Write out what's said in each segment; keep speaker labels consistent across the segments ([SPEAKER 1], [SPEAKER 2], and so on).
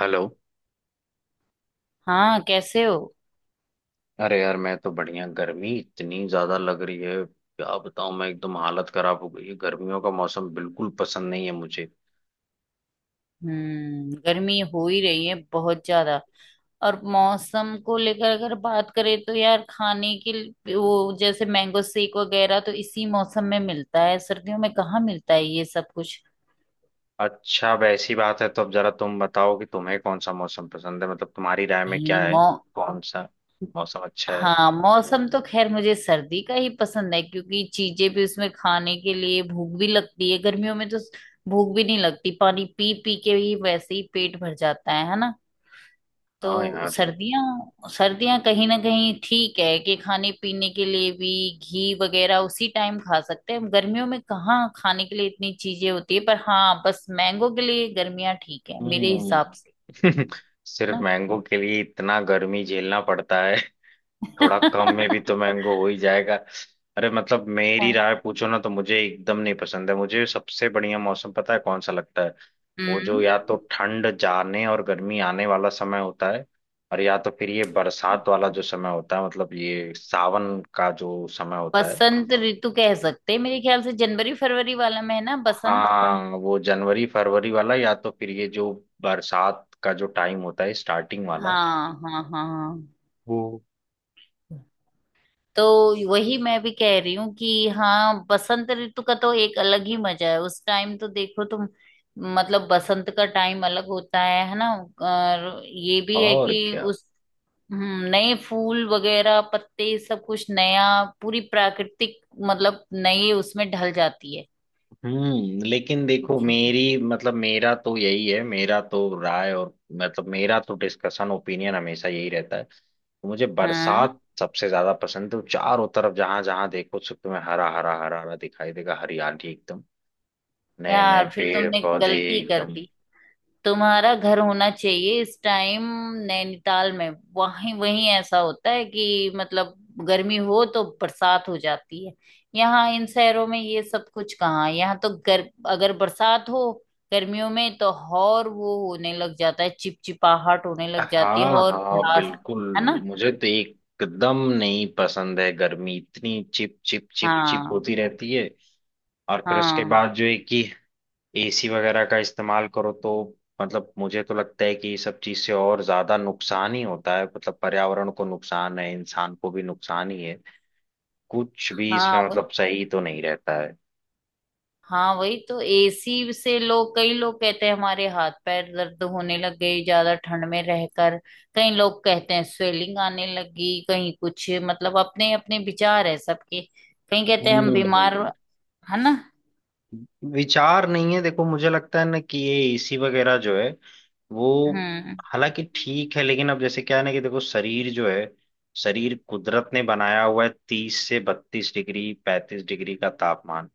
[SPEAKER 1] Hello.
[SPEAKER 2] हाँ, कैसे हो?
[SPEAKER 1] अरे यार, मैं तो बढ़िया। गर्मी इतनी ज्यादा लग रही है, क्या बताऊं, मैं एकदम हालत खराब हो गई है। गर्मियों का मौसम बिल्कुल पसंद नहीं है मुझे।
[SPEAKER 2] गर्मी हो ही रही है बहुत ज्यादा। और मौसम को लेकर अगर बात करें तो यार, वो जैसे मैंगो शेक वगैरह तो इसी मौसम में मिलता है, सर्दियों में कहाँ मिलता है ये सब कुछ।
[SPEAKER 1] अच्छा, अब ऐसी बात है तो अब जरा तुम बताओ कि तुम्हें कौन सा मौसम पसंद है, मतलब तुम्हारी राय में क्या
[SPEAKER 2] नहीं।
[SPEAKER 1] है?
[SPEAKER 2] मौ
[SPEAKER 1] कौन सा मौसम अच्छा है?
[SPEAKER 2] हाँ, मौसम तो खैर मुझे सर्दी का ही पसंद है, क्योंकि चीजें भी उसमें खाने के लिए, भूख भी लगती है। गर्मियों में तो भूख भी नहीं लगती, पानी पी पी के ही वैसे ही पेट भर जाता है ना। तो
[SPEAKER 1] हाँ यार।
[SPEAKER 2] सर्दियां सर्दियां कहीं ना कहीं ठीक है कि खाने पीने के लिए भी घी वगैरह उसी टाइम खा सकते हैं, गर्मियों में कहाँ खाने के लिए इतनी चीजें होती है। पर हाँ, बस मैंगो के लिए गर्मियां ठीक है मेरे
[SPEAKER 1] हम्म।
[SPEAKER 2] हिसाब से।
[SPEAKER 1] सिर्फ
[SPEAKER 2] ना।
[SPEAKER 1] मैंगो के लिए इतना गर्मी झेलना पड़ता है। थोड़ा कम में भी तो मैंगो हो ही जाएगा। अरे मतलब मेरी राय पूछो ना तो मुझे एकदम नहीं पसंद है, मुझे सबसे बढ़िया मौसम पता है कौन सा लगता है? वो जो
[SPEAKER 2] हम्म
[SPEAKER 1] या तो ठंड जाने और गर्मी आने वाला समय होता है। और या तो फिर ये बरसात वाला जो समय होता है, मतलब ये सावन का जो समय होता है।
[SPEAKER 2] बसंत ऋतु कह सकते हैं मेरे ख्याल से, जनवरी फरवरी वाला महीना बसंत।
[SPEAKER 1] हाँ, वो जनवरी फरवरी वाला या तो फिर ये जो बरसात का जो टाइम होता है, स्टार्टिंग वाला।
[SPEAKER 2] हाँ, हाँ, हाँ, हाँ।
[SPEAKER 1] वो।
[SPEAKER 2] तो वही मैं भी कह रही हूँ कि हाँ, बसंत ऋतु का तो एक अलग ही मजा है, उस टाइम तो देखो तुम। मतलब बसंत का टाइम अलग होता है ना। और ये भी है
[SPEAKER 1] और
[SPEAKER 2] कि
[SPEAKER 1] क्या।
[SPEAKER 2] उस। नए फूल वगैरह पत्ते सब कुछ नया। पूरी प्राकृतिक मतलब नई उसमें ढल जाती है।
[SPEAKER 1] हम्म। लेकिन
[SPEAKER 2] जी,
[SPEAKER 1] देखो,
[SPEAKER 2] जी।
[SPEAKER 1] मेरी, मतलब मेरा तो यही है, मेरा तो राय, और मतलब मेरा तो डिस्कशन ओपिनियन हमेशा यही रहता है, तो मुझे
[SPEAKER 2] हाँ
[SPEAKER 1] बरसात सबसे ज्यादा पसंद है। तो चारों तरफ जहां जहां देखो सब तुम्हें हरा हरा हरा हरा दिखाई देगा, हरियाली एकदम। नए नए
[SPEAKER 2] यार, फिर
[SPEAKER 1] पेड़
[SPEAKER 2] तुमने
[SPEAKER 1] पौधे
[SPEAKER 2] गलती कर
[SPEAKER 1] एकदम।
[SPEAKER 2] दी। तुम्हारा घर होना चाहिए इस टाइम नैनीताल में। वहीं वहीं ऐसा होता है कि मतलब गर्मी हो तो बरसात हो जाती है। यहाँ इन शहरों में ये सब कुछ कहाँ है। यहाँ तो गर अगर बरसात हो गर्मियों में तो, और वो होने लग जाता है, चिपचिपाहट होने लग जाती है
[SPEAKER 1] हाँ
[SPEAKER 2] और
[SPEAKER 1] हाँ
[SPEAKER 2] भड़ास,
[SPEAKER 1] बिल्कुल।
[SPEAKER 2] है ना।
[SPEAKER 1] मुझे तो एकदम नहीं पसंद है गर्मी, इतनी चिप चिप चिप चिप
[SPEAKER 2] हाँ,
[SPEAKER 1] होती रहती है। और फिर उसके
[SPEAKER 2] हाँ,
[SPEAKER 1] बाद जो है कि एसी वगैरह का इस्तेमाल करो, तो मतलब मुझे तो लगता है कि ये सब चीज से और ज्यादा नुकसान ही होता है, मतलब पर्यावरण को नुकसान है, इंसान को भी नुकसान ही है। कुछ भी इसमें
[SPEAKER 2] हाँ।
[SPEAKER 1] मतलब सही तो नहीं रहता है।
[SPEAKER 2] हाँ, वही तो, एसी से लोग कई लोग कहते हैं हमारे हाथ पैर दर्द होने लग गए ज्यादा ठंड में रहकर। कई लोग कहते हैं स्वेलिंग आने लगी कहीं कुछ, मतलब अपने अपने विचार है सबके। कहीं कहते हैं हम बीमार,
[SPEAKER 1] हम्म।
[SPEAKER 2] है ना।
[SPEAKER 1] विचार नहीं है, देखो मुझे लगता है ना कि ये एसी वगैरह जो है, वो
[SPEAKER 2] हम्म,
[SPEAKER 1] हालांकि ठीक है, लेकिन अब जैसे क्या है ना कि देखो शरीर जो है, शरीर कुदरत ने बनाया हुआ है 30 से 32 डिग्री 35 डिग्री का तापमान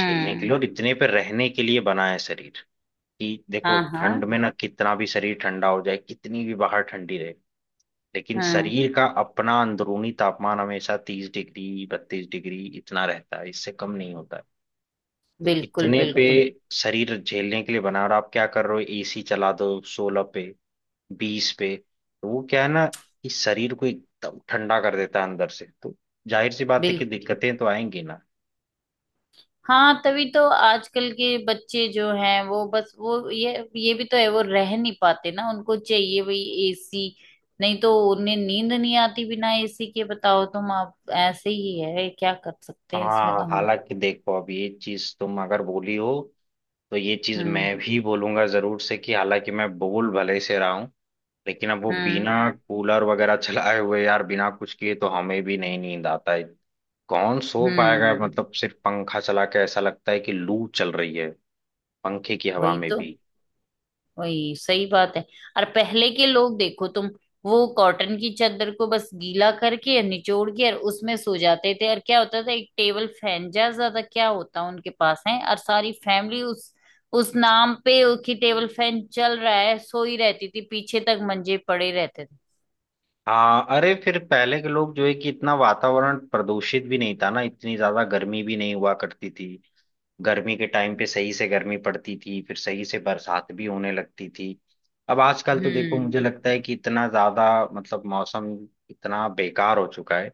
[SPEAKER 1] झेलने के लिए, और इतने पे रहने के लिए बना है शरीर। कि देखो
[SPEAKER 2] हाँ,
[SPEAKER 1] ठंड
[SPEAKER 2] हाँ।
[SPEAKER 1] में ना कितना भी शरीर ठंडा हो जाए, कितनी भी बाहर ठंडी रहे, लेकिन
[SPEAKER 2] हम्म,
[SPEAKER 1] शरीर का अपना अंदरूनी तापमान हमेशा 30 डिग्री 32 डिग्री इतना रहता है, इससे कम नहीं होता है। तो
[SPEAKER 2] बिल्कुल,
[SPEAKER 1] इतने पे
[SPEAKER 2] बिल्कुल,
[SPEAKER 1] शरीर झेलने के लिए बना, और आप क्या कर रहे हो? एसी चला दो 16 पे, 20 पे। तो वो क्या है ना कि शरीर को एकदम ठंडा कर देता है अंदर से, तो जाहिर सी बात है कि
[SPEAKER 2] बिल्कुल।
[SPEAKER 1] दिक्कतें तो आएंगी ना।
[SPEAKER 2] हाँ, तभी तो आजकल के बच्चे जो हैं वो बस वो ये भी तो है, वो रह नहीं पाते ना, उनको चाहिए भाई एसी। नहीं तो उन्हें नींद नहीं आती बिना एसी के। बताओ तुम, आप ऐसे ही है, क्या कर सकते हैं इसमें तो
[SPEAKER 1] हाँ,
[SPEAKER 2] हम।
[SPEAKER 1] हालांकि देखो अब ये चीज तुम अगर बोली हो, तो ये चीज
[SPEAKER 2] हम्म,
[SPEAKER 1] मैं भी बोलूंगा जरूर से, कि हालांकि मैं बोल भले से रहा हूं, लेकिन अब वो
[SPEAKER 2] हम्म,
[SPEAKER 1] बिना कूलर वगैरह चलाए हुए यार, बिना कुछ किए तो हमें भी नहीं नींद आता है। कौन सो पाएगा?
[SPEAKER 2] हम्म।
[SPEAKER 1] मतलब सिर्फ पंखा चला के ऐसा लगता है कि लू चल रही है पंखे की हवा
[SPEAKER 2] वही
[SPEAKER 1] में
[SPEAKER 2] तो।
[SPEAKER 1] भी।
[SPEAKER 2] वही सही बात है। और पहले के लोग देखो तुम, वो कॉटन की चादर को बस गीला करके और निचोड़ के और उसमें सो जाते थे। और क्या होता था, एक टेबल फैन, ज्यादा ज्यादा क्या होता उनके पास है। और सारी फैमिली उस नाम पे कि टेबल फैन चल रहा है, सोई रहती थी पीछे तक, मंजे पड़े रहते थे।
[SPEAKER 1] हाँ, अरे फिर पहले के लोग जो है कि इतना वातावरण प्रदूषित भी नहीं था ना, इतनी ज्यादा गर्मी भी नहीं हुआ करती थी। गर्मी के टाइम पे सही से गर्मी पड़ती थी, फिर सही से बरसात भी होने लगती थी। अब आजकल तो देखो मुझे
[SPEAKER 2] हम्म।
[SPEAKER 1] लगता है कि इतना ज्यादा, मतलब मौसम इतना बेकार हो चुका है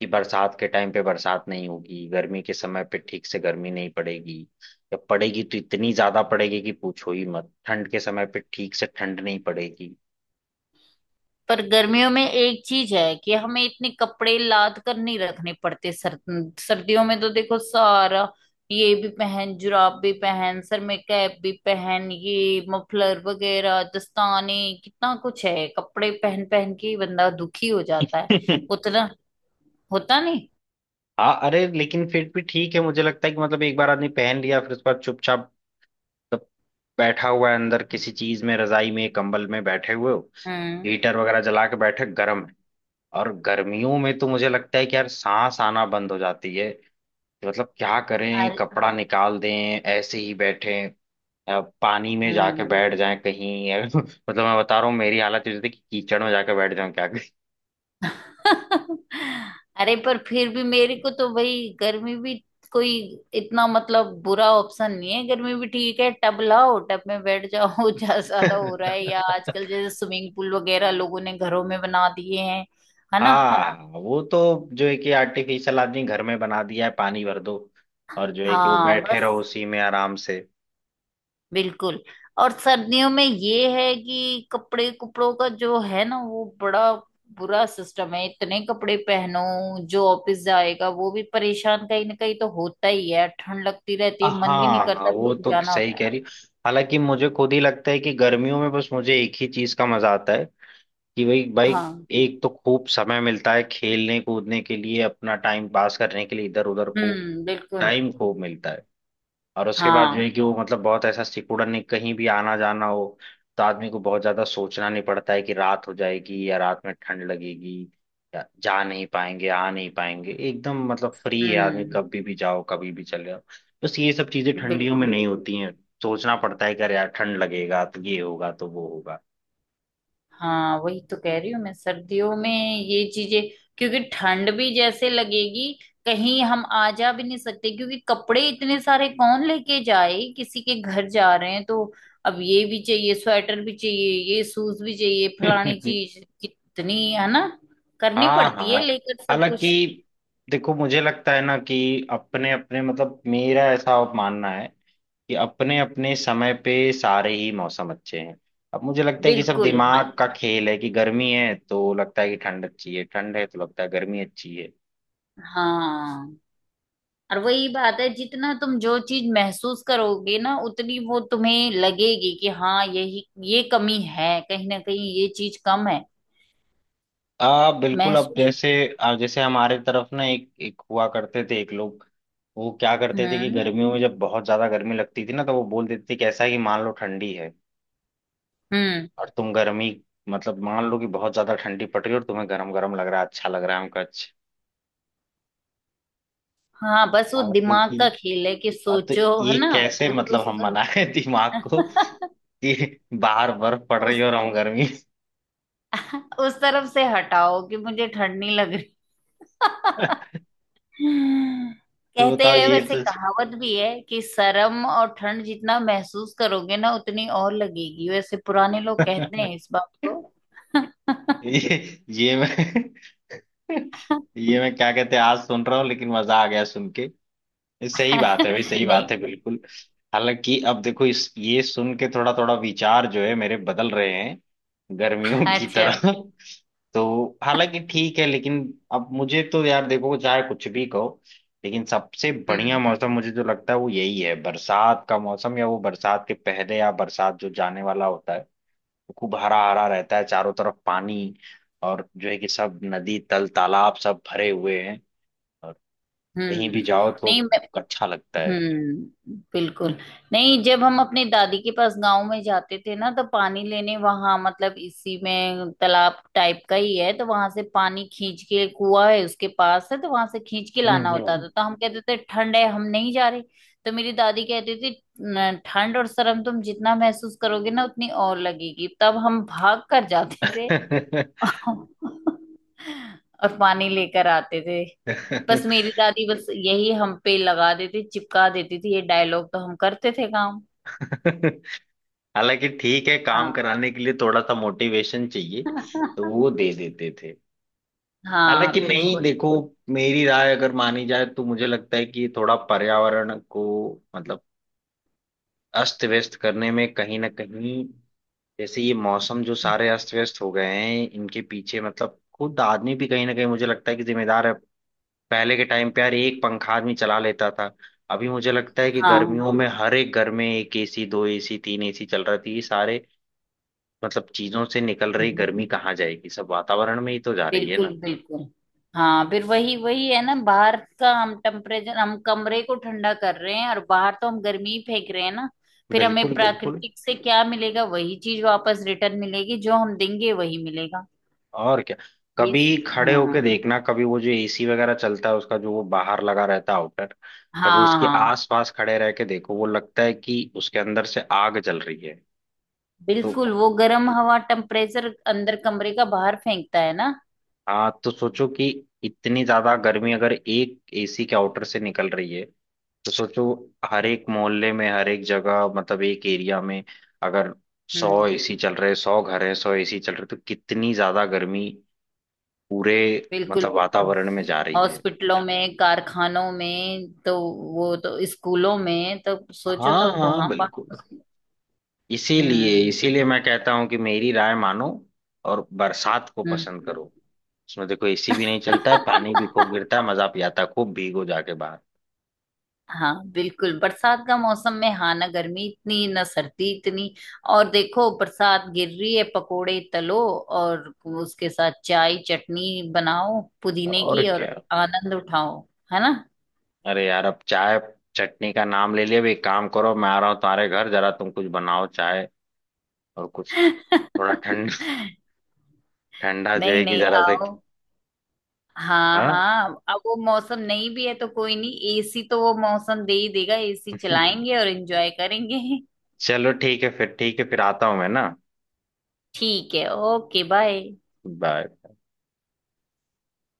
[SPEAKER 1] कि बरसात के टाइम पे बरसात नहीं होगी, गर्मी के समय पे ठीक से गर्मी नहीं पड़ेगी, या पड़ेगी तो इतनी ज्यादा पड़ेगी कि पूछो ही मत, ठंड के समय पे ठीक से ठंड नहीं पड़ेगी।
[SPEAKER 2] पर गर्मियों में एक चीज है कि हमें इतने कपड़े लाद कर नहीं रखने पड़ते। सर्दियों में तो देखो, सारा ये भी पहन, जुराब भी पहन, सर में कैप भी पहन, ये मफलर वगैरह दस्ताने, कितना कुछ है। कपड़े पहन पहन के ही बंदा दुखी हो जाता है, उतना होता नहीं।
[SPEAKER 1] हाँ, अरे लेकिन फिर भी ठीक है, मुझे लगता है कि मतलब एक बार आदमी पहन लिया फिर उसके बाद चुपचाप सब बैठा हुआ है अंदर किसी चीज में, रजाई में, कंबल में बैठे हुए हो,
[SPEAKER 2] हम्म।
[SPEAKER 1] हीटर वगैरह जला के बैठे गर्म है। और गर्मियों में तो मुझे लगता है कि यार सांस आना बंद हो जाती है, तो मतलब क्या करें,
[SPEAKER 2] अरे।
[SPEAKER 1] कपड़ा निकाल दें, ऐसे ही बैठे, पानी में जाके
[SPEAKER 2] हम्म।
[SPEAKER 1] बैठ जाएं कहीं। मतलब मैं बता रहा हूँ, मेरी हालत ये होती है कि कीचड़ में जाके बैठ जाऊं क्या
[SPEAKER 2] अरे, पर फिर भी मेरे को तो भाई, गर्मी भी कोई इतना, मतलब बुरा ऑप्शन नहीं है। गर्मी भी ठीक है, टब लाओ, टब में बैठ जाओ, जहाँ ज्यादा
[SPEAKER 1] करें।
[SPEAKER 2] हो रहा है। या आजकल जैसे स्विमिंग पूल वगैरह लोगों ने घरों में बना दिए हैं, है ना।
[SPEAKER 1] हाँ वो तो जो है कि आर्टिफिशियल आदमी घर में बना दिया है, पानी भर दो और जो है कि वो
[SPEAKER 2] हाँ,
[SPEAKER 1] बैठे
[SPEAKER 2] बस,
[SPEAKER 1] रहो उसी में आराम से।
[SPEAKER 2] बिल्कुल। और सर्दियों में ये है कि कपड़े कपड़ों का जो है ना, वो बड़ा बुरा सिस्टम है, इतने कपड़े पहनो। जो ऑफिस जाएगा वो भी परेशान कहीं ना कहीं तो होता ही है, ठंड लगती रहती है, मन भी नहीं
[SPEAKER 1] हाँ हाँ,
[SPEAKER 2] करता फिर
[SPEAKER 1] वो
[SPEAKER 2] भी
[SPEAKER 1] तो
[SPEAKER 2] जाना
[SPEAKER 1] सही
[SPEAKER 2] होता है।
[SPEAKER 1] कह रही, हालांकि मुझे खुद ही लगता है कि गर्मियों में बस मुझे एक ही चीज का मजा आता है कि भाई भाई,
[SPEAKER 2] हाँ,
[SPEAKER 1] एक तो खूब समय मिलता है खेलने कूदने के लिए, अपना टाइम पास करने के लिए इधर उधर खूब
[SPEAKER 2] हम्म, बिल्कुल।
[SPEAKER 1] टाइम खूब मिलता है। और उसके बाद जो
[SPEAKER 2] हाँ,
[SPEAKER 1] है कि वो मतलब बहुत ऐसा सिकुड़न नहीं, कहीं भी आना जाना हो तो आदमी को बहुत ज्यादा सोचना नहीं पड़ता है कि रात हो जाएगी, या रात में ठंड लगेगी, या जा नहीं पाएंगे, आ नहीं पाएंगे, एकदम मतलब फ्री है आदमी,
[SPEAKER 2] हम्म,
[SPEAKER 1] कभी भी जाओ कभी भी चले जाओ। बस ये सब चीजें ठंडियों में
[SPEAKER 2] बिल्कुल।
[SPEAKER 1] नहीं होती हैं। सोचना पड़ता है कि अरे यार ठंड लगेगा तो ये होगा, तो वो होगा।
[SPEAKER 2] हाँ, वही तो कह रही हूँ मैं, सर्दियों में ये चीजें। क्योंकि ठंड भी जैसे लगेगी, कहीं हम आ जा भी नहीं सकते, क्योंकि कपड़े इतने सारे कौन लेके जाए। किसी के घर जा रहे हैं तो अब ये भी चाहिए, स्वेटर भी चाहिए, ये शूज भी चाहिए, फलानी चीज, कितनी है ना। करनी
[SPEAKER 1] हाँ
[SPEAKER 2] पड़ती
[SPEAKER 1] हाँ,
[SPEAKER 2] है लेकर सब
[SPEAKER 1] हालांकि
[SPEAKER 2] कुछ।
[SPEAKER 1] देखो मुझे लगता है ना कि अपने अपने, मतलब मेरा ऐसा मानना है कि अपने अपने समय पे सारे ही मौसम अच्छे हैं। अब मुझे लगता है कि सब
[SPEAKER 2] बिल्कुल, हाँ,
[SPEAKER 1] दिमाग का खेल है कि गर्मी है तो लगता है कि ठंड अच्छी है, ठंड है तो लगता है गर्मी अच्छी है।
[SPEAKER 2] हाँ। और वही बात है, जितना तुम जो चीज महसूस करोगे ना उतनी वो तुम्हें लगेगी कि हाँ यही। ये कमी है कहीं ना कहीं, ये चीज कम है
[SPEAKER 1] आ बिल्कुल, अब
[SPEAKER 2] महसूस।
[SPEAKER 1] जैसे जैसे हमारे तरफ ना एक एक हुआ करते थे, एक लोग, वो क्या करते थे कि
[SPEAKER 2] हम्म,
[SPEAKER 1] गर्मियों में जब बहुत ज्यादा गर्मी लगती थी ना तो वो बोल देते थे कि ऐसा है कि मान लो ठंडी है,
[SPEAKER 2] हम्म,
[SPEAKER 1] और तुम गर्मी, मतलब मान लो कि बहुत ज्यादा ठंडी पड़ रही है और तुम्हें गर्म गर्म लग रहा है, अच्छा लग रहा है हमको अच्छा।
[SPEAKER 2] हाँ, बस वो
[SPEAKER 1] हाँ,
[SPEAKER 2] दिमाग
[SPEAKER 1] क्योंकि
[SPEAKER 2] का खेल है कि
[SPEAKER 1] अब तो
[SPEAKER 2] सोचो, है
[SPEAKER 1] ये
[SPEAKER 2] ना।
[SPEAKER 1] कैसे
[SPEAKER 2] उस।
[SPEAKER 1] मतलब हम मनाए दिमाग को कि बाहर बर्फ पड़ रही है
[SPEAKER 2] उस
[SPEAKER 1] और हम गर्मी।
[SPEAKER 2] उस तरफ से हटाओ कि मुझे ठंड नहीं लग रही।
[SPEAKER 1] तो
[SPEAKER 2] कहते
[SPEAKER 1] बताओ
[SPEAKER 2] हुए,
[SPEAKER 1] ये
[SPEAKER 2] वैसे
[SPEAKER 1] तो
[SPEAKER 2] कहावत भी है कि शर्म और ठंड जितना महसूस करोगे ना, उतनी और लगेगी। वैसे पुराने लोग कहते हैं इस बात को।
[SPEAKER 1] ये मैं ये मैं क्या कहते हैं आज सुन रहा हूँ, लेकिन मजा आ गया सुन के। ये सही बात है भाई, सही बात
[SPEAKER 2] नहीं।
[SPEAKER 1] है बिल्कुल। हालांकि अब देखो, इस ये सुन के थोड़ा थोड़ा विचार जो है मेरे बदल रहे हैं गर्मियों की
[SPEAKER 2] अच्छा।
[SPEAKER 1] तरह। तो हालांकि ठीक है, लेकिन अब मुझे तो यार देखो चाहे कुछ भी कहो, लेकिन सबसे बढ़िया
[SPEAKER 2] हम्म,
[SPEAKER 1] मौसम मुझे जो लगता है वो यही है, बरसात का मौसम, या वो बरसात के पहले या बरसात जो जाने वाला होता है। वो खूब हरा हरा रहता है, चारों तरफ पानी, और जो है कि सब नदी तल तालाब सब भरे हुए हैं, और कहीं
[SPEAKER 2] हम्म।
[SPEAKER 1] भी जाओ तो
[SPEAKER 2] नहीं।
[SPEAKER 1] अच्छा लगता है।
[SPEAKER 2] हम्म। बिल्कुल। नहीं, जब हम अपने दादी के पास गांव में जाते थे ना, तो पानी लेने वहां, मतलब इसी में तालाब टाइप का ही है, तो वहां से पानी खींच के, कुआं है उसके पास है, तो वहां से खींच के
[SPEAKER 1] हम्म
[SPEAKER 2] लाना होता था।
[SPEAKER 1] हम्म।
[SPEAKER 2] तो हम कहते थे ठंड है, हम नहीं जा रहे। तो मेरी दादी कहती थी, "न, ठंड और शर्म तुम जितना महसूस करोगे ना उतनी और लगेगी।" तब हम भाग कर जाते थे। और पानी लेकर आते थे। बस मेरी दादी, बस यही हम पे लगा देती, चिपका देती थी ये डायलॉग, तो हम करते थे काम।
[SPEAKER 1] हालांकि ठीक है, काम
[SPEAKER 2] हाँ।
[SPEAKER 1] कराने के लिए थोड़ा सा मोटिवेशन चाहिए, तो वो दे देते थे। हालांकि
[SPEAKER 2] हाँ,
[SPEAKER 1] नहीं,
[SPEAKER 2] बिल्कुल।
[SPEAKER 1] देखो मेरी राय अगर मानी जाए तो मुझे लगता है कि थोड़ा पर्यावरण को मतलब अस्त व्यस्त करने में, कहीं ना कहीं जैसे ये मौसम जो सारे अस्त व्यस्त हो गए हैं, इनके पीछे मतलब खुद आदमी भी कहीं ना कहीं मुझे लगता है कि जिम्मेदार है। पहले के टाइम पे यार एक पंखा आदमी चला लेता था, अभी मुझे लगता है कि
[SPEAKER 2] हाँ,
[SPEAKER 1] गर्मियों में हर एक घर में एक एसी, दो एसी, तीन एसी चल रहा थी, ये सारे मतलब चीजों से निकल रही
[SPEAKER 2] हम्म,
[SPEAKER 1] गर्मी कहाँ जाएगी? सब वातावरण में ही तो जा रही है
[SPEAKER 2] बिल्कुल,
[SPEAKER 1] ना।
[SPEAKER 2] बिल्कुल। हाँ, फिर वही वही है ना, बाहर का हम टेम्परेचर, हम कमरे को ठंडा कर रहे हैं और बाहर तो हम गर्मी ही फेंक रहे हैं ना। फिर हमें
[SPEAKER 1] बिल्कुल बिल्कुल,
[SPEAKER 2] प्राकृतिक से क्या मिलेगा, वही चीज वापस रिटर्न मिलेगी, जो हम देंगे वही मिलेगा।
[SPEAKER 1] और क्या।
[SPEAKER 2] ये
[SPEAKER 1] कभी खड़े
[SPEAKER 2] हाँ,
[SPEAKER 1] होके देखना, कभी वो जो एसी वगैरह चलता है उसका जो वो बाहर लगा रहता है आउटर, कभी
[SPEAKER 2] हाँ,
[SPEAKER 1] उसके
[SPEAKER 2] हाँ,
[SPEAKER 1] आसपास खड़े रह के देखो, वो लगता है कि उसके अंदर से आग जल रही है। तो
[SPEAKER 2] बिल्कुल। वो गर्म हवा टेम्परेचर अंदर कमरे का बाहर फेंकता है ना।
[SPEAKER 1] हाँ, तो सोचो कि इतनी ज्यादा गर्मी अगर एक एसी के आउटर से निकल रही है, तो सोचो हर एक मोहल्ले में, हर एक जगह, मतलब एक एरिया में अगर 100
[SPEAKER 2] हम्म,
[SPEAKER 1] एसी चल रहे, 100 घर हैं, 100 एसी चल रहे, तो कितनी ज्यादा गर्मी पूरे
[SPEAKER 2] बिल्कुल।
[SPEAKER 1] मतलब वातावरण में जा रही है।
[SPEAKER 2] हॉस्पिटलों में, कारखानों में तो, वो तो स्कूलों में तो सोचो
[SPEAKER 1] हाँ
[SPEAKER 2] तब
[SPEAKER 1] हाँ
[SPEAKER 2] वहां बात।
[SPEAKER 1] बिल्कुल, इसीलिए
[SPEAKER 2] हम्म,
[SPEAKER 1] इसीलिए मैं कहता हूँ कि मेरी राय मानो और बरसात को
[SPEAKER 2] हम्म।
[SPEAKER 1] पसंद करो। उसमें देखो एसी भी नहीं चलता है, पानी भी खूब गिरता है, मजा भी आता है खूब भीगो जाके बाहर।
[SPEAKER 2] हाँ, बिल्कुल, बरसात का मौसम में, हाँ, ना गर्मी इतनी ना सर्दी इतनी। और देखो बरसात गिर रही है, पकोड़े तलो और उसके साथ चाय, चटनी बनाओ पुदीने
[SPEAKER 1] और
[SPEAKER 2] की और
[SPEAKER 1] क्या,
[SPEAKER 2] आनंद उठाओ, है ना।
[SPEAKER 1] अरे यार अब चाय चटनी का नाम ले लिया, अब एक काम करो, मैं आ रहा हूँ तुम्हारे घर, जरा तुम कुछ बनाओ चाय और कुछ, थोड़ा
[SPEAKER 2] नहीं,
[SPEAKER 1] ठंडा जो है कि
[SPEAKER 2] नहीं,
[SPEAKER 1] जरा से।
[SPEAKER 2] आओ। हाँ,
[SPEAKER 1] हाँ।
[SPEAKER 2] हाँ, अब वो मौसम नहीं भी है तो कोई नहीं, एसी तो वो मौसम दे ही देगा, एसी चलाएंगे और एंजॉय करेंगे।
[SPEAKER 1] चलो ठीक है, फिर आता हूँ मैं ना।
[SPEAKER 2] ठीक है, ओके, बाय।
[SPEAKER 1] बाय।